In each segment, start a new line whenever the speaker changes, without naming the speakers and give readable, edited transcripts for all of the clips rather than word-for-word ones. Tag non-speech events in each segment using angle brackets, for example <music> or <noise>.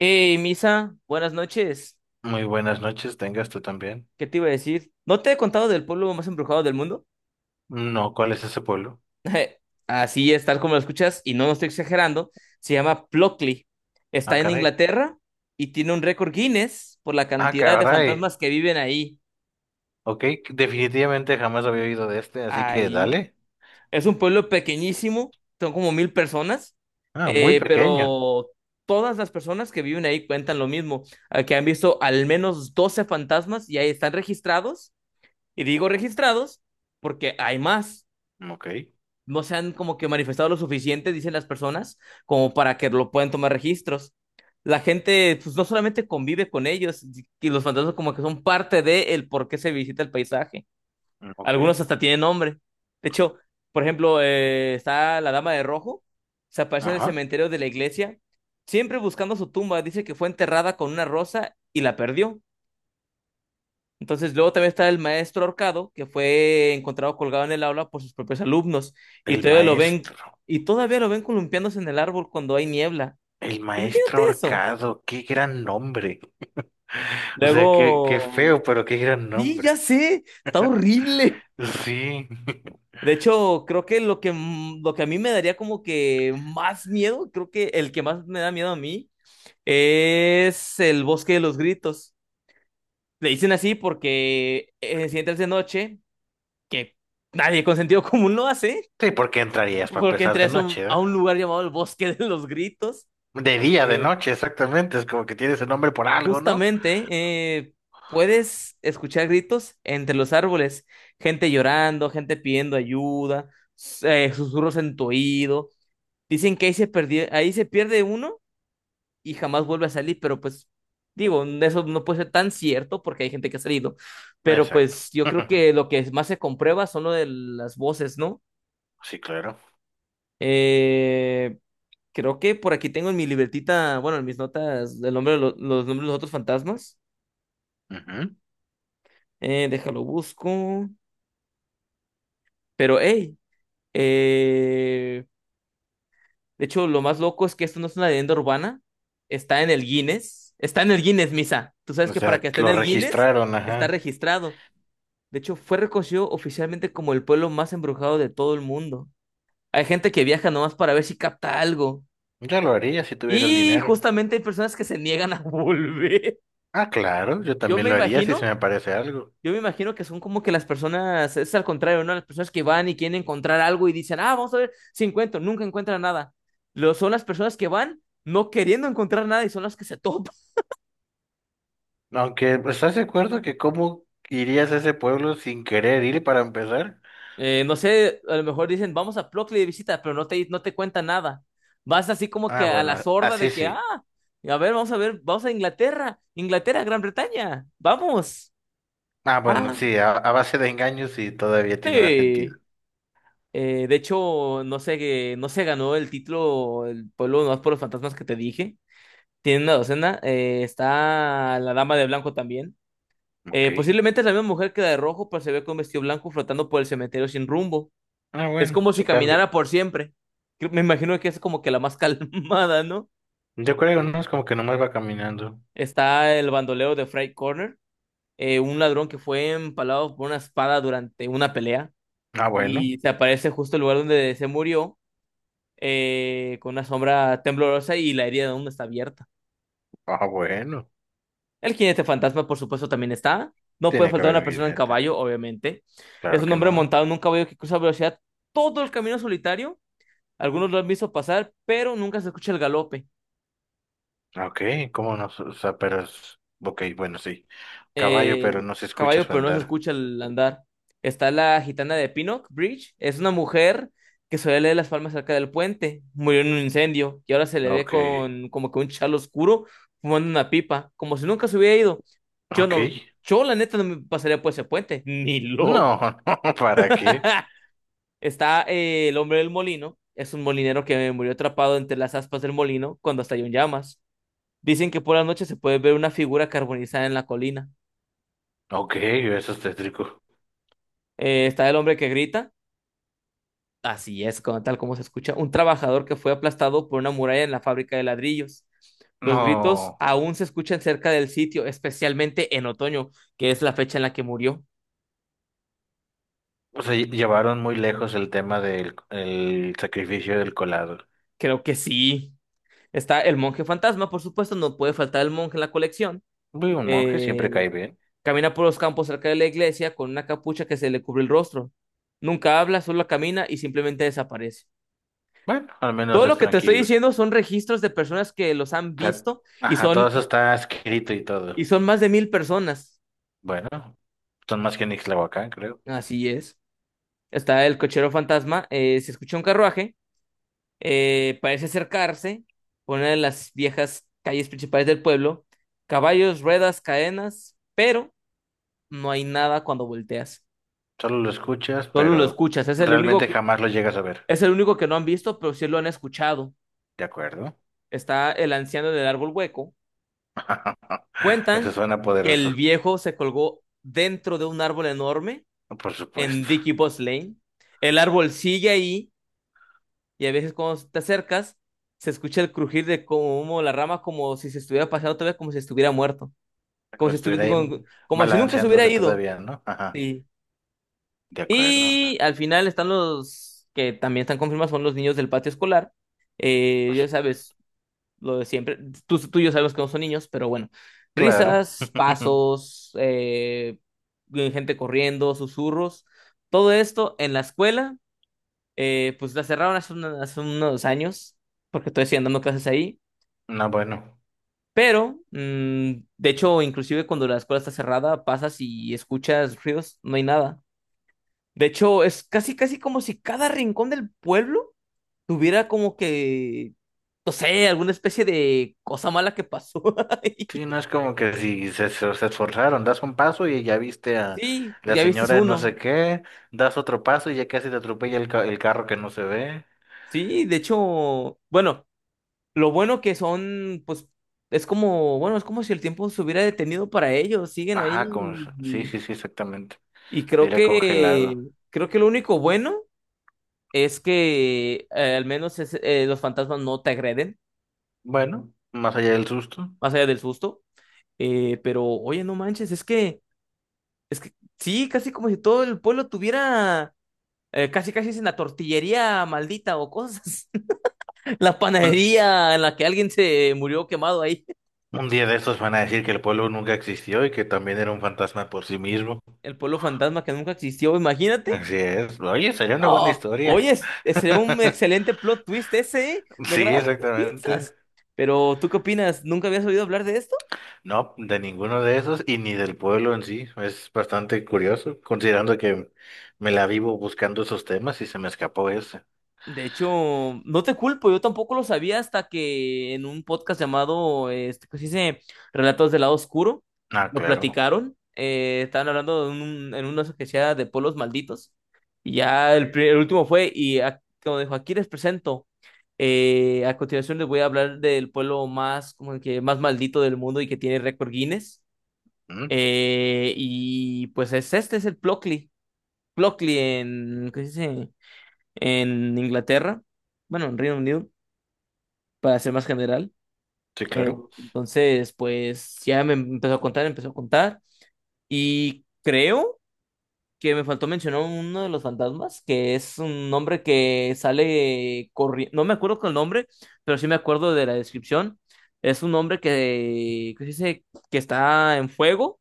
Hey, Misa, buenas noches.
Muy buenas noches, tengas tú también.
¿Qué te iba a decir? ¿No te he contado del pueblo más embrujado del mundo?
No, ¿cuál es ese pueblo?
<laughs> Así es, tal como lo escuchas, y no lo estoy exagerando. Se llama Plockley.
Ah,
Está en
caray.
Inglaterra y tiene un récord Guinness por la
Ah,
cantidad de
caray.
fantasmas que viven ahí.
Ok, definitivamente jamás había oído de este, así que
Ahí.
dale.
Es un pueblo pequeñísimo, son como 1000 personas,
Ah, muy pequeño.
pero todas las personas que viven ahí cuentan lo mismo, que han visto al menos 12 fantasmas y ahí están registrados. Y digo registrados porque hay más.
Ok,
No se han como que manifestado lo suficiente, dicen las personas, como para que lo puedan tomar registros. La gente, pues no solamente convive con ellos, y los fantasmas como que son parte de el por qué se visita el paisaje.
ok.
Algunos hasta tienen nombre. De hecho, por ejemplo, está la Dama de Rojo, se aparece en el
Ajá.
cementerio de la iglesia, siempre buscando su tumba. Dice que fue enterrada con una rosa y la perdió. Entonces, luego también está el maestro ahorcado, que fue encontrado colgado en el aula por sus propios alumnos, y
El
todavía lo ven,
maestro.
y todavía lo ven columpiándose en el árbol cuando hay niebla.
El maestro
Imagínate eso.
ahorcado. Qué gran nombre. O sea, qué
Luego,
feo, pero qué gran
sí,
nombre.
ya sé, está horrible.
Sí. <laughs>
De hecho, creo que lo que a mí me daría como que más miedo, creo que el que más me da miedo a mí, es el bosque de los gritos. Le dicen así porque si entras de noche, que nadie con sentido común <laughs> lo hace
Sí, porque entrarías para
porque
empezar
entré
de
a
noche,
a
¿verdad?
un lugar llamado el Bosque de los Gritos.
De día, de
Eh,
noche, exactamente. Es como que tienes el nombre por algo, ¿no?
justamente eh, puedes escuchar gritos entre los árboles, gente llorando, gente pidiendo ayuda, susurros en tu oído. Dicen que ahí se perdió, ahí se pierde uno y jamás vuelve a salir, pero pues digo, eso no puede ser tan cierto porque hay gente que ha salido, pero
Exacto.
pues yo creo que
<laughs>
lo que más se comprueba son lo de las voces, ¿no?
Sí, claro.
Eh, creo que por aquí tengo en mi libretita, bueno, en mis notas, el nombre de los nombres de los otros fantasmas.
Ujú.
Déjalo busco. Pero, hey, eh, de hecho, lo más loco es que esto no es una leyenda urbana. Está en el Guinness. Está en el Guinness, Misa. Tú sabes
O
que para
sea,
que esté en
lo
el Guinness,
registraron,
está
ajá.
registrado. De hecho, fue reconocido oficialmente como el pueblo más embrujado de todo el mundo. Hay gente que viaja nomás para ver si capta algo.
Yo lo haría si tuviera el
Y
dinero.
justamente hay personas que se niegan a <laughs> volver.
Ah, claro, yo
Yo
también
me
lo haría si se
imagino.
me aparece algo.
Yo me imagino que son como que las personas, es al contrario, ¿no? Las personas que van y quieren encontrar algo y dicen, ah, vamos a ver si encuentro, nunca encuentran nada. Lo, son las personas que van no queriendo encontrar nada y son las que se <laughs> topan.
Aunque, pues, ¿estás de acuerdo que cómo irías a ese pueblo sin querer ir para empezar?
No sé, a lo mejor dicen, vamos a Plockley de visita, pero no te cuentan nada. Vas así como que
Ah,
a la
bueno,
sorda
así
de que, ah,
sí.
a ver, vamos a ver, vamos a Inglaterra, Inglaterra, Gran Bretaña, vamos.
Ah, bueno,
Ah,
sí, a base de engaños y todavía tiene más sentido.
sí. De hecho, no sé, no se ganó el título el pueblo no por los fantasmas que te dije. Tiene una docena. Está la dama de blanco también.
Ok.
Posiblemente es la misma mujer que la de rojo, pero se ve con vestido blanco flotando por el cementerio sin rumbo.
Ah,
Es
bueno,
como si
se
caminara
cambia.
por siempre. Me imagino que es como que la más <laughs> calmada, ¿no?
Yo creo, ¿no? Es como que nomás va caminando.
Está el bandolero de Freight Corner, un ladrón que fue empalado por una espada durante una pelea
Ah, bueno.
y se aparece justo el lugar donde se murió, con una sombra temblorosa y la herida aún está abierta.
Ah, bueno.
El jinete fantasma, por supuesto, también está. No puede
Tiene que
faltar
haber
una
un
persona en
jinete.
caballo, obviamente. Es
Claro
un
que
hombre
no.
montado en un caballo que cruza a velocidad todo el camino solitario. Algunos lo han visto pasar, pero nunca se escucha el galope.
Ah, Ok, ¿cómo no? O sea, pero es... Ok, bueno, sí. Caballo,
Eh,
pero no se escucha
caballo,
su
pero no se
andar.
escucha el andar. Está la gitana de Pinock Bridge. Es una mujer que suele leer las palmas cerca del puente. Murió en un incendio y ahora se le ve
Ok,
con como que un chal oscuro fumando una pipa, como si nunca se hubiera ido. Yo
ok.
no, yo la neta no me pasaría por ese puente, ni loco.
No, <laughs> no, ¿para qué?
<laughs> Está el hombre del molino, es un molinero que murió atrapado entre las aspas del molino cuando estalló en llamas. Dicen que por la noche se puede ver una figura carbonizada en la colina.
Ok, eso es tétrico.
Está el hombre que grita, así es, tal como se escucha, un trabajador que fue aplastado por una muralla en la fábrica de ladrillos. Los gritos
No,
aún se escuchan cerca del sitio, especialmente en otoño, que es la fecha en la que murió.
o sea, llevaron muy lejos el tema del el sacrificio del colado.
Creo que sí. Está el monje fantasma, por supuesto, no puede faltar el monje en la colección.
Uy, un monje siempre
Eh,
cae bien.
Camina por los campos cerca de la iglesia con una capucha que se le cubre el rostro. Nunca habla, solo camina y simplemente desaparece.
Bueno, al menos
Todo lo
es
que te estoy
tranquilo. O
diciendo son registros de personas que los han
sea,
visto
ajá, todo eso está escrito y
y
todo.
son más de 1000 personas.
Bueno, son más que Nixlahuacán, creo.
Así es. Está el cochero fantasma, se escucha un carruaje, parece acercarse por una de las viejas calles principales del pueblo. Caballos, ruedas, cadenas, pero no hay nada cuando volteas.
Solo lo escuchas,
Solo lo
pero
escuchas. Es el único.
realmente jamás lo llegas a ver.
Es el único que no han visto, pero sí lo han escuchado.
¿De acuerdo?
Está el anciano en el árbol hueco.
<laughs> Eso
Cuentan
suena
que
poderoso,
el viejo se colgó dentro de un árbol enorme
por
en
supuesto.
Dicky Boss Lane. El árbol sigue ahí y a veces cuando te acercas se escucha el crujir de como la rama como si se estuviera pasando otra vez, como si estuviera muerto, como
Como
si
si
estuviera,
estuviera ahí
como como si nunca se hubiera
balanceándose
ido.
todavía, ¿no? Ajá.
Sí.
De acuerdo.
Y al final están los que también están confirmados, son los niños del patio escolar. Ya
Pues,
sabes, lo de siempre. Tú y yo sabemos que no son niños, pero bueno.
claro.
Risas,
<laughs>
pasos, gente corriendo, susurros. Todo esto en la escuela, pues la cerraron hace, hace unos años, porque estoy dando clases ahí.
No, bueno.
Pero, de hecho, inclusive cuando la escuela está cerrada, pasas y escuchas ruidos, no hay nada. De hecho, es casi, casi como si cada rincón del pueblo tuviera como que, no sé, alguna especie de cosa mala que pasó <laughs> ahí.
Sí, no es como que si se esforzaron, das un paso y ya viste a
Sí,
la
ya viste
señora de no sé
uno.
qué, das otro paso y ya casi te atropella el carro que no se ve.
Sí, de hecho, bueno, lo bueno que son, pues, es como, bueno, es como si el tiempo se hubiera detenido para ellos, siguen ahí.
Ajá, como, sí,
Y,
sí, sí, exactamente.
y
Diría congelado.
creo que lo único bueno es que al menos los fantasmas no te agreden,
Bueno, más allá del susto.
más allá del susto. Pero, oye, no manches, es que, sí, casi como si todo el pueblo tuviera, casi casi es en la tortillería maldita o cosas. La panadería en la que alguien se murió quemado ahí,
Un día de estos van a decir que el pueblo nunca existió y que también era un fantasma por sí mismo.
el pueblo fantasma que nunca existió, imagínate.
Así es. Oye, sería una buena
No, oye,
historia.
sería un
<laughs>
excelente plot twist ese, ¿eh? Me
Sí,
agrada cómo
exactamente.
piensas. Pero, ¿tú qué opinas? ¿Nunca habías oído hablar de esto?
No, de ninguno de esos y ni del pueblo en sí. Es bastante curioso, considerando que me la vivo buscando esos temas y se me escapó ese.
De hecho, no te culpo, yo tampoco lo sabía hasta que en un podcast llamado, este, ¿cómo se dice? Relatos del lado oscuro,
Ah,
lo
claro.
platicaron. Estaban hablando de un, en una que sea de pueblos malditos. Y ya
Ok.
el último fue, y como dijo, aquí les presento. A continuación les voy a hablar del pueblo más, como que más maldito del mundo y que tiene récord Guinness.
Mm,
Y pues es este, es el Plocli. Plocli en, ¿qué se dice? En Inglaterra, bueno, en Reino Unido, para ser más general.
sí, claro.
Entonces, pues ya me empezó a contar, empezó a contar. Y creo que me faltó mencionar uno de los fantasmas, que es un hombre que sale corriendo, no me acuerdo con el nombre, pero sí me acuerdo de la descripción. Es un hombre que dice que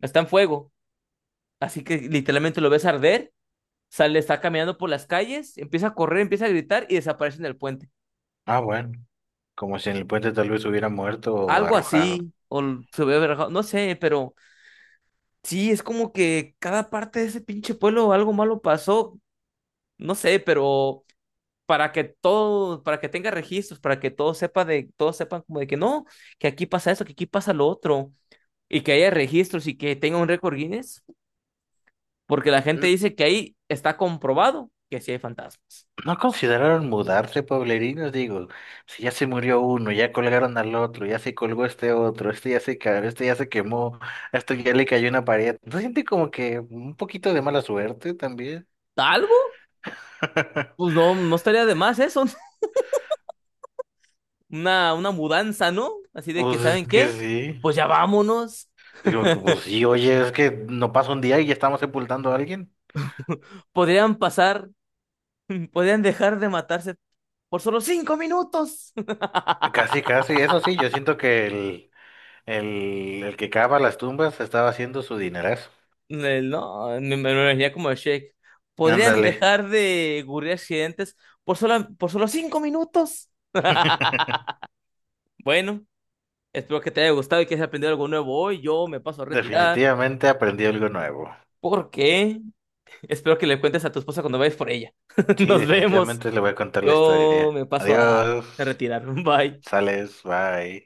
está en fuego, así que literalmente lo ves arder, sale, está caminando por las calles, empieza a correr, empieza a gritar y desaparece en el puente.
Ah, bueno. Como si en el puente tal vez hubiera muerto o
Algo
arrojado.
así, o se hubiera rajado, no sé, pero sí, es como que cada parte de ese pinche pueblo algo malo pasó, no sé, pero para que todo, para que tenga registros, para que todo sepa de, todos sepan como de que no, que aquí pasa eso, que aquí pasa lo otro, y que haya registros y que tenga un récord Guinness, porque la gente
Mm.
dice que ahí está comprobado que sí hay fantasmas.
¿No consideraron mudarse, pueblerinos? Digo, si ya se murió uno, ya colgaron al otro, ya se colgó este otro, este ya se cayó, este ya se quemó, a esto ya le cayó una pared. ¿No siente como que un poquito de mala suerte también?
¿Algo? Pues
<laughs>
no, no estaría de más eso, <laughs> una mudanza, ¿no? Así de
Pues
que,
es
¿saben
que
qué?
sí.
Pues ya vámonos.
Digo, que, pues sí, oye, es que no pasa un día y ya estamos sepultando a alguien.
<laughs> Podrían pasar, podrían dejar de matarse por solo 5 minutos.
Casi,
<laughs>
casi. Eso sí, yo siento que el que cava las tumbas estaba haciendo su dinerazo.
No, me lo imaginé como el Shake. Podrían
Ándale.
dejar de ocurrir accidentes por solo 5 minutos.
<laughs>
<laughs> Bueno, espero que te haya gustado y que hayas aprendido algo nuevo hoy. Yo me paso a retirar.
Definitivamente aprendí algo nuevo.
¿Por qué? <laughs> Espero que le cuentes a tu esposa cuando vayas por ella. <laughs>
Sí,
Nos vemos.
definitivamente le voy a contar la
Yo
historia.
me paso
Adiós,
a retirar. <laughs> Bye.
sales, bye.